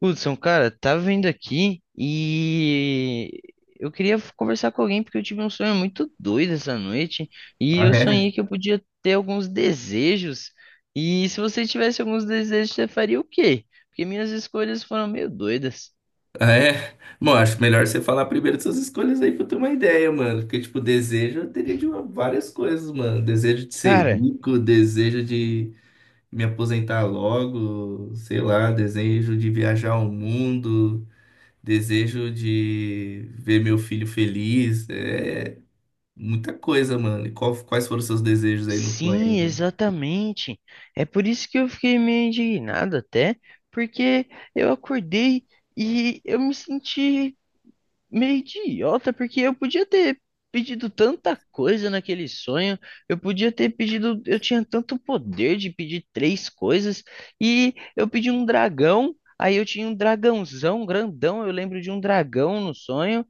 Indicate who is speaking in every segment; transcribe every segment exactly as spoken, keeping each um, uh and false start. Speaker 1: Hudson, cara, tava vindo aqui e eu queria conversar com alguém porque eu tive um sonho muito doido essa noite e
Speaker 2: Ah,
Speaker 1: eu
Speaker 2: é?
Speaker 1: sonhei que eu podia ter alguns desejos. E se você tivesse alguns desejos, você faria o quê? Porque minhas escolhas foram meio doidas.
Speaker 2: Ah, é? Bom, acho melhor você falar primeiro das suas escolhas aí pra eu ter uma ideia, mano. Porque, tipo, desejo eu teria de uma- várias coisas, mano. Desejo de ser
Speaker 1: Cara,
Speaker 2: rico, desejo de me aposentar logo, sei lá, desejo de viajar ao mundo, desejo de ver meu filho feliz. É muita coisa, mano. E qual- quais foram os seus desejos aí no sonho, aí,
Speaker 1: sim,
Speaker 2: mano?
Speaker 1: exatamente. É por isso que eu fiquei meio indignado até, porque eu acordei e eu me senti meio idiota, porque eu podia ter pedido tanta coisa naquele sonho, eu podia ter pedido, eu tinha tanto poder de pedir três coisas, e eu pedi um dragão, aí eu tinha um dragãozão grandão, eu lembro de um dragão no sonho.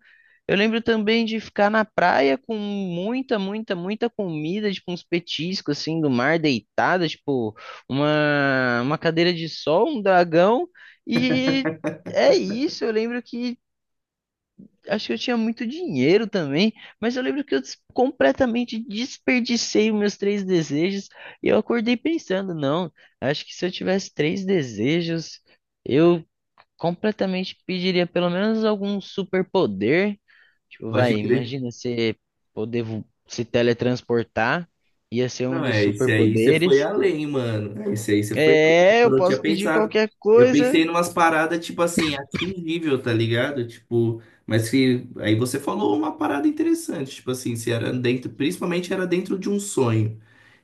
Speaker 1: Eu lembro também de ficar na praia com muita, muita, muita comida, tipo uns petiscos assim do mar deitada, tipo uma, uma cadeira de sol, um dragão e é isso, eu lembro que acho que eu tinha muito dinheiro também, mas eu lembro que eu des- completamente desperdicei os meus três desejos e eu acordei pensando, não, acho que se eu tivesse três desejos, eu completamente pediria pelo menos algum superpoder. Tipo,
Speaker 2: Pode
Speaker 1: vai,
Speaker 2: crer.
Speaker 1: imagina você poder vo- se teletransportar, ia ser um
Speaker 2: Não,
Speaker 1: dos
Speaker 2: é, esse aí você foi
Speaker 1: superpoderes.
Speaker 2: além, mano. É, esse aí você foi além.
Speaker 1: É, eu
Speaker 2: Quando eu não tinha
Speaker 1: posso pedir
Speaker 2: pensado,
Speaker 1: qualquer
Speaker 2: eu pensei
Speaker 1: coisa.
Speaker 2: em umas paradas, tipo assim, atingível, tá ligado? Tipo, mas que aí você falou uma parada interessante, tipo assim, se era dentro, principalmente era dentro de um sonho.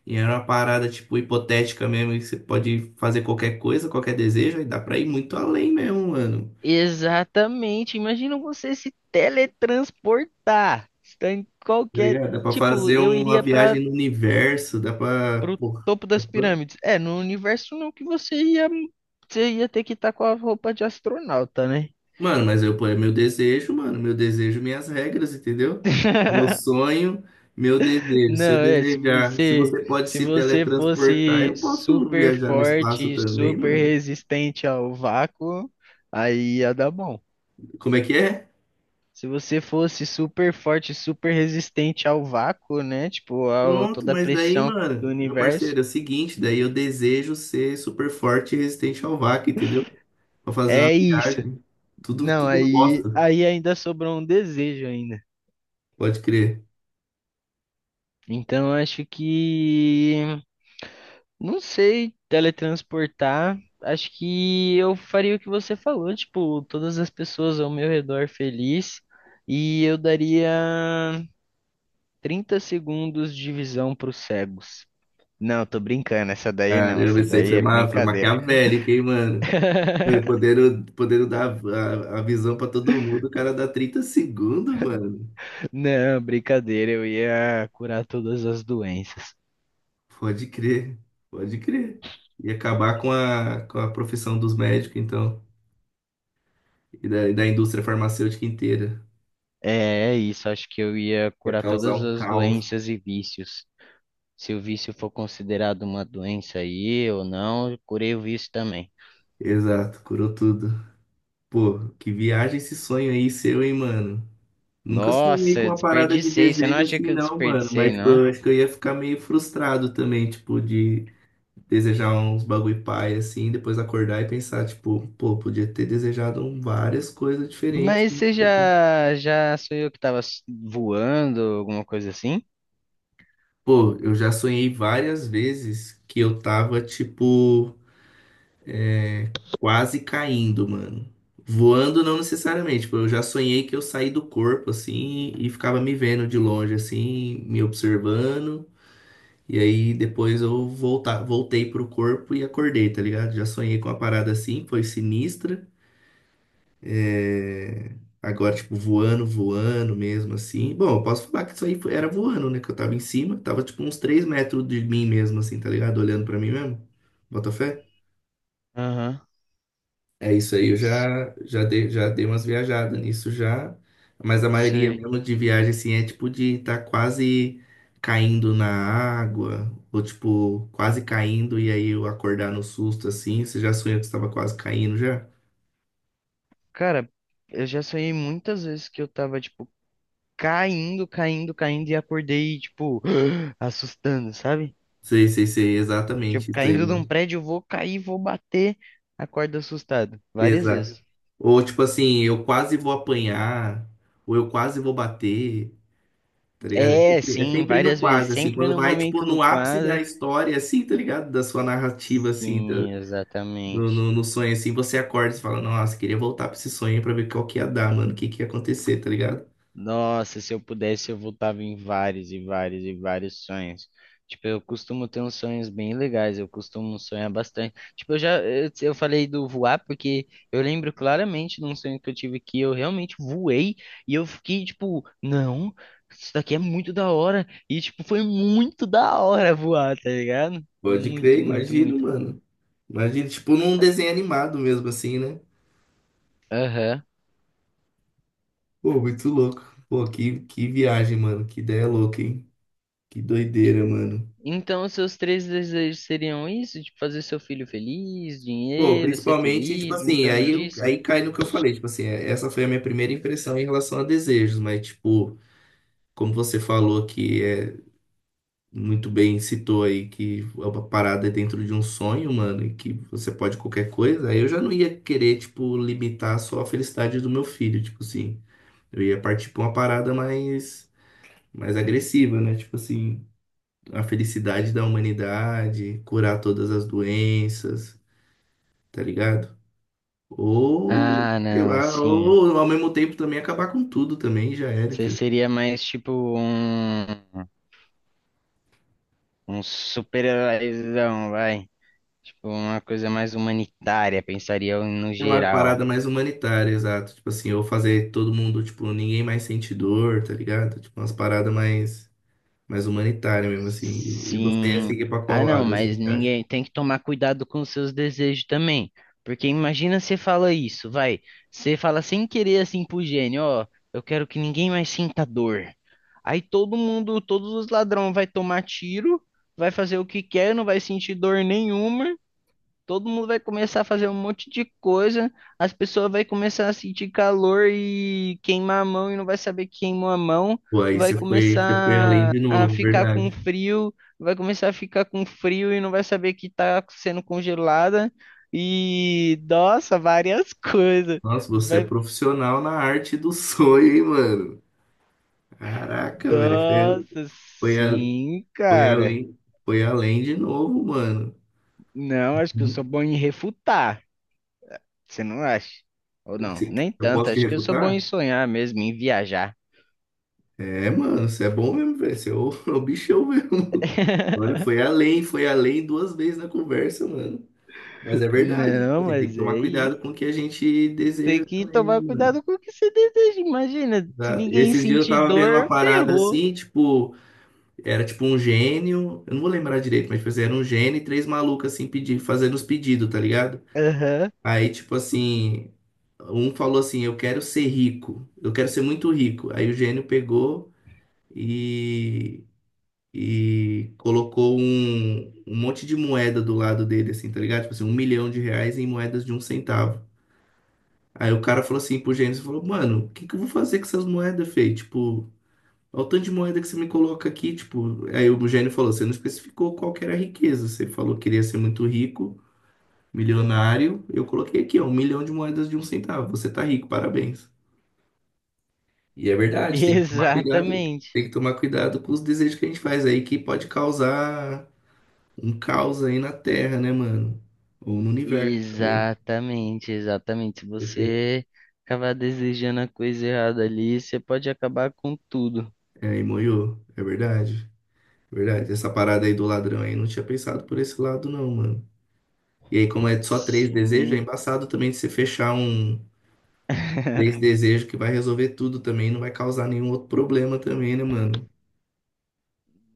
Speaker 2: E era uma parada, tipo, hipotética mesmo, que você pode fazer qualquer coisa, qualquer desejo, aí dá pra ir muito além mesmo, mano.
Speaker 1: Exatamente. Imagina você se teletransportar. Está em
Speaker 2: Tá
Speaker 1: qualquer.
Speaker 2: ligado? Dá pra
Speaker 1: Tipo,
Speaker 2: fazer
Speaker 1: eu
Speaker 2: uma
Speaker 1: iria para
Speaker 2: viagem no universo, dá pra.
Speaker 1: o
Speaker 2: Porra.
Speaker 1: topo das pirâmides. É, no universo não que você ia. Você ia ter que estar com a roupa de astronauta, né?
Speaker 2: Mano, mas eu ponho meu desejo, mano, meu desejo, minhas regras, entendeu? Meu sonho, meu desejo. Se eu
Speaker 1: Não, é, se
Speaker 2: desejar, se
Speaker 1: você,
Speaker 2: você pode
Speaker 1: se
Speaker 2: se
Speaker 1: você
Speaker 2: teletransportar,
Speaker 1: fosse
Speaker 2: eu posso
Speaker 1: super
Speaker 2: viajar no espaço
Speaker 1: forte,
Speaker 2: também,
Speaker 1: super
Speaker 2: mano.
Speaker 1: resistente ao vácuo, aí ia dar bom.
Speaker 2: Como é que é?
Speaker 1: Se você fosse super forte, super resistente ao vácuo, né? Tipo, a
Speaker 2: Pronto,
Speaker 1: toda a
Speaker 2: mas daí,
Speaker 1: pressão do
Speaker 2: mano, meu
Speaker 1: universo.
Speaker 2: parceiro, é o seguinte, daí eu desejo ser super forte e resistente ao vácuo, entendeu? Pra fazer uma
Speaker 1: É isso.
Speaker 2: viagem. Tudo,
Speaker 1: Não,
Speaker 2: tudo
Speaker 1: aí,
Speaker 2: bosta,
Speaker 1: aí ainda sobrou um desejo ainda.
Speaker 2: pode crer.
Speaker 1: Então acho que não sei teletransportar. Acho que eu faria o que você falou, tipo, todas as pessoas ao meu redor feliz e eu daria trinta segundos de visão para os cegos. Não, tô brincando, essa daí não,
Speaker 2: Caramba,
Speaker 1: essa
Speaker 2: isso aí
Speaker 1: daí
Speaker 2: foi,
Speaker 1: é
Speaker 2: ma foi
Speaker 1: brincadeira.
Speaker 2: maquiavélico, hein, mano? Mano, podendo, podendo dar a, a visão pra todo mundo, o cara dá trinta segundos, mano.
Speaker 1: Não, brincadeira, eu ia curar todas as doenças.
Speaker 2: Pode crer, pode crer. E acabar com a, com a profissão dos médicos, então, e da, e da indústria farmacêutica inteira.
Speaker 1: É, é isso, acho que eu ia
Speaker 2: Ia
Speaker 1: curar
Speaker 2: causar
Speaker 1: todas
Speaker 2: um
Speaker 1: as
Speaker 2: caos.
Speaker 1: doenças e vícios. Se o vício for considerado uma doença aí ou não, eu curei o vício também.
Speaker 2: Exato, curou tudo. Pô, que viagem esse sonho aí seu, hein, mano? Nunca sonhei
Speaker 1: Nossa,
Speaker 2: com
Speaker 1: eu
Speaker 2: uma parada de
Speaker 1: desperdicei, você não
Speaker 2: desejo
Speaker 1: acha que
Speaker 2: assim,
Speaker 1: eu
Speaker 2: não, mano.
Speaker 1: desperdicei,
Speaker 2: Mas, tipo,
Speaker 1: não?
Speaker 2: eu acho que eu ia ficar meio frustrado também, tipo, de desejar uns bagulho pai, assim, depois acordar e pensar, tipo, pô, podia ter desejado várias coisas diferentes,
Speaker 1: Mas
Speaker 2: né?
Speaker 1: você já, já sou eu que tava s- voando, alguma coisa assim?
Speaker 2: Pô, eu já sonhei várias vezes que eu tava, tipo, quase caindo, mano. Voando não necessariamente, tipo, eu já sonhei que eu saí do corpo, assim, e ficava me vendo de longe, assim, me observando. E aí depois eu voltar, voltei pro corpo e acordei, tá ligado? Já sonhei com uma parada assim, foi sinistra. É, agora, tipo, voando, voando mesmo, assim. Bom, eu posso falar que isso aí foi- era voando, né? Que eu tava em cima, tava tipo uns três metros de mim mesmo, assim, tá ligado? Olhando pra mim mesmo. Bota fé?
Speaker 1: Aham,
Speaker 2: É isso aí, eu
Speaker 1: s-
Speaker 2: já, já dei, já dei umas viajadas nisso já. Mas a maioria
Speaker 1: sei.
Speaker 2: mesmo de viagem, assim, é tipo de tá quase caindo na água, ou tipo, quase caindo e aí eu acordar no susto, assim. Você já sonhou que você tava quase caindo já?
Speaker 1: Cara, eu já sonhei muitas vezes que eu tava, tipo, caindo, caindo, caindo e acordei, tipo, assustando, sabe?
Speaker 2: Sei, sei, sei,
Speaker 1: Tipo,
Speaker 2: exatamente isso aí.
Speaker 1: caindo de um prédio, vou cair, vou bater, acordo assustado, várias
Speaker 2: Exato.
Speaker 1: vezes.
Speaker 2: Ou tipo assim, eu quase vou apanhar, ou eu quase vou bater, tá ligado? É
Speaker 1: É,
Speaker 2: sempre, é
Speaker 1: sim,
Speaker 2: sempre no
Speaker 1: várias
Speaker 2: quase,
Speaker 1: vezes,
Speaker 2: assim,
Speaker 1: sempre
Speaker 2: quando
Speaker 1: no
Speaker 2: vai, tipo,
Speaker 1: momento do
Speaker 2: no ápice da
Speaker 1: quase.
Speaker 2: história, assim, tá ligado? Da sua narrativa, assim, da-
Speaker 1: Sim,
Speaker 2: no,
Speaker 1: exatamente.
Speaker 2: no, no sonho, assim, você acorda e fala, nossa, queria voltar pra esse sonho pra ver qual que ia dar, mano, o que que ia acontecer, tá ligado?
Speaker 1: Nossa, se eu pudesse, eu voltava em vários e vários e vários sonhos. Tipo, eu costumo ter uns sonhos bem legais, eu costumo sonhar bastante. Tipo, eu já, eu, eu falei do voar porque eu lembro claramente de um sonho que eu tive que eu realmente voei e eu fiquei tipo, não, isso daqui é muito da hora. E tipo, foi muito da hora voar, tá ligado?
Speaker 2: Pode crer,
Speaker 1: Muito, muito,
Speaker 2: imagino,
Speaker 1: muito.
Speaker 2: mano. Imagina, tipo, num desenho animado mesmo, assim, né?
Speaker 1: Aham.
Speaker 2: Pô, muito louco. Pô, que, que viagem, mano, que ideia louca, hein? Que doideira, mano.
Speaker 1: Então, os seus três desejos seriam isso? Tipo, fazer seu filho feliz,
Speaker 2: Pô,
Speaker 1: dinheiro, ser
Speaker 2: principalmente, tipo
Speaker 1: feliz, em
Speaker 2: assim,
Speaker 1: torno
Speaker 2: aí,
Speaker 1: disso?
Speaker 2: aí cai no que eu falei, tipo assim, é- essa foi a minha primeira impressão em relação a desejos, mas, tipo, como você falou que é muito bem citou aí que a parada é dentro de um sonho, mano, e que você pode qualquer coisa, aí eu já não ia querer, tipo, limitar só a felicidade do meu filho, tipo assim, eu ia partir pra uma parada mais, mais agressiva, né? Tipo assim, a felicidade da humanidade, curar todas as doenças, tá ligado? Ou,
Speaker 1: Ah,
Speaker 2: sei
Speaker 1: não,
Speaker 2: lá,
Speaker 1: sim.
Speaker 2: ou ao mesmo tempo também acabar com tudo também, já era,
Speaker 1: Você
Speaker 2: entendeu?
Speaker 1: seria mais tipo um, um super-heróizão, vai. Tipo, uma coisa mais humanitária, pensaria eu no
Speaker 2: É uma
Speaker 1: geral.
Speaker 2: parada mais humanitária, exato. Tipo assim, ou fazer todo mundo, tipo, ninguém mais sente dor, tá ligado? Tipo, umas paradas mais, mais humanitárias mesmo, assim. E você ia
Speaker 1: Sim.
Speaker 2: seguir pra qual
Speaker 1: Ah, não,
Speaker 2: lado, assim,
Speaker 1: mas
Speaker 2: você acha?
Speaker 1: ninguém tem que tomar cuidado com os seus desejos também. Porque imagina você fala isso, vai. Você fala sem querer assim pro gênio, ó, eu quero que ninguém mais sinta dor. Aí todo mundo, todos os ladrões vai tomar tiro, vai fazer o que quer, não vai sentir dor nenhuma. Todo mundo vai começar a fazer um monte de coisa, as pessoas vão começar a sentir calor e queimar a mão e não vai saber que queimou a mão,
Speaker 2: Pô, aí
Speaker 1: vai
Speaker 2: você foi, você foi além
Speaker 1: começar
Speaker 2: de
Speaker 1: a
Speaker 2: novo,
Speaker 1: ficar com
Speaker 2: verdade.
Speaker 1: frio, vai começar a ficar com frio e não vai saber que está sendo congelada e nossa, várias coisas.
Speaker 2: Nossa, você é
Speaker 1: Vai,
Speaker 2: profissional na arte do sonho, hein, mano? Caraca, velho. Você é,
Speaker 1: nossa,
Speaker 2: foi, a-
Speaker 1: sim,
Speaker 2: foi
Speaker 1: cara.
Speaker 2: além, foi além de novo, mano.
Speaker 1: Não, acho que eu sou bom em refutar. Você não acha? Ou não,
Speaker 2: Se-
Speaker 1: nem
Speaker 2: Eu
Speaker 1: tanto.
Speaker 2: posso te
Speaker 1: Acho que eu sou bom em
Speaker 2: refutar?
Speaker 1: sonhar mesmo, em viajar.
Speaker 2: É, mano, você é bom mesmo, velho. Você é o, é o bichão mesmo. Olha, foi além, foi além duas vezes na conversa, mano. Mas é verdade. Tipo
Speaker 1: Não,
Speaker 2: assim, tem que
Speaker 1: mas
Speaker 2: tomar
Speaker 1: é isso.
Speaker 2: cuidado com o que a gente
Speaker 1: Tem
Speaker 2: deseja
Speaker 1: que
Speaker 2: também, né,
Speaker 1: tomar
Speaker 2: mano?
Speaker 1: cuidado com o que você deseja. Imagina, se
Speaker 2: Exato.
Speaker 1: ninguém
Speaker 2: Esses dias eu
Speaker 1: sentir
Speaker 2: tava vendo uma
Speaker 1: dor,
Speaker 2: parada
Speaker 1: ferrou.
Speaker 2: assim, tipo, era tipo um gênio. Eu não vou lembrar direito, mas tipo, assim, era um gênio e três malucos assim pedindo, fazendo os pedidos, tá ligado?
Speaker 1: Aham.
Speaker 2: Aí, tipo assim, um falou assim, eu quero ser rico, eu quero ser muito rico. Aí o gênio pegou. E e colocou um, um monte de moeda do lado dele, assim, tá ligado? Tipo assim, um milhão de reais em moedas de um centavo. Aí o cara falou assim pro Gênesis, falou, mano, o que que eu vou fazer com essas moedas, Fê? Tipo, olha o tanto de moeda que você me coloca aqui, tipo... Aí o Gênio falou, você não especificou qual que era a riqueza, você falou que queria ser muito rico, milionário, eu coloquei aqui, ó, um milhão de moedas de um centavo, você tá rico, parabéns. E é verdade, tem que tomar cuidado,
Speaker 1: Exatamente.
Speaker 2: tem que tomar cuidado com os desejos que a gente faz aí, que pode causar um caos aí na Terra, né, mano? Ou no universo também.
Speaker 1: Exatamente, exatamente. Se
Speaker 2: Depende.
Speaker 1: você acabar desejando a coisa errada ali, você pode acabar com tudo.
Speaker 2: É, aí moiou. É verdade. É verdade. Essa parada aí do ladrão aí, não tinha pensado por esse lado, não, mano. E aí, como é só três desejos, é
Speaker 1: Sim.
Speaker 2: embaçado também de você fechar um três desejos que vai resolver tudo também, não vai causar nenhum outro problema também, né, mano?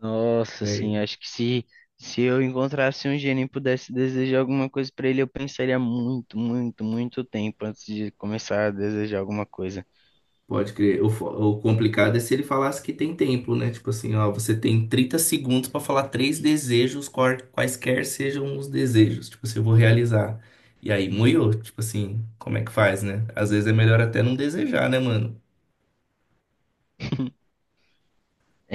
Speaker 1: Nossa,
Speaker 2: É.
Speaker 1: sim, acho que se, se eu encontrasse um gênio e pudesse desejar alguma coisa pra ele, eu pensaria muito, muito, muito tempo antes de começar a desejar alguma coisa.
Speaker 2: Pode crer. O, fo- o complicado é se ele falasse que tem tempo, né? Tipo assim, ó, você tem trinta segundos pra falar três desejos, qual- quaisquer sejam os desejos. Tipo assim, eu vou realizar. E aí, moiou. Tipo assim, como é que faz, né? Às vezes é melhor até não desejar, né, mano?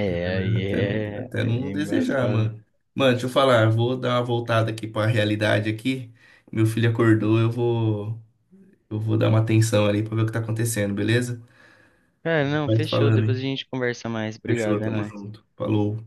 Speaker 2: Às vezes é melhor
Speaker 1: aí
Speaker 2: até não,
Speaker 1: é,
Speaker 2: até
Speaker 1: aí é
Speaker 2: não desejar,
Speaker 1: embaçado.
Speaker 2: mano. Mano, deixa eu falar, eu vou dar uma voltada aqui pra realidade aqui. Meu filho acordou, eu vou, eu vou dar uma atenção ali pra ver o que tá acontecendo, beleza?
Speaker 1: Cara, não,
Speaker 2: Vai se
Speaker 1: fechou.
Speaker 2: falando,
Speaker 1: Depois a
Speaker 2: hein?
Speaker 1: gente conversa mais.
Speaker 2: Fechou,
Speaker 1: Obrigado, é
Speaker 2: tamo
Speaker 1: nóis.
Speaker 2: junto. Falou.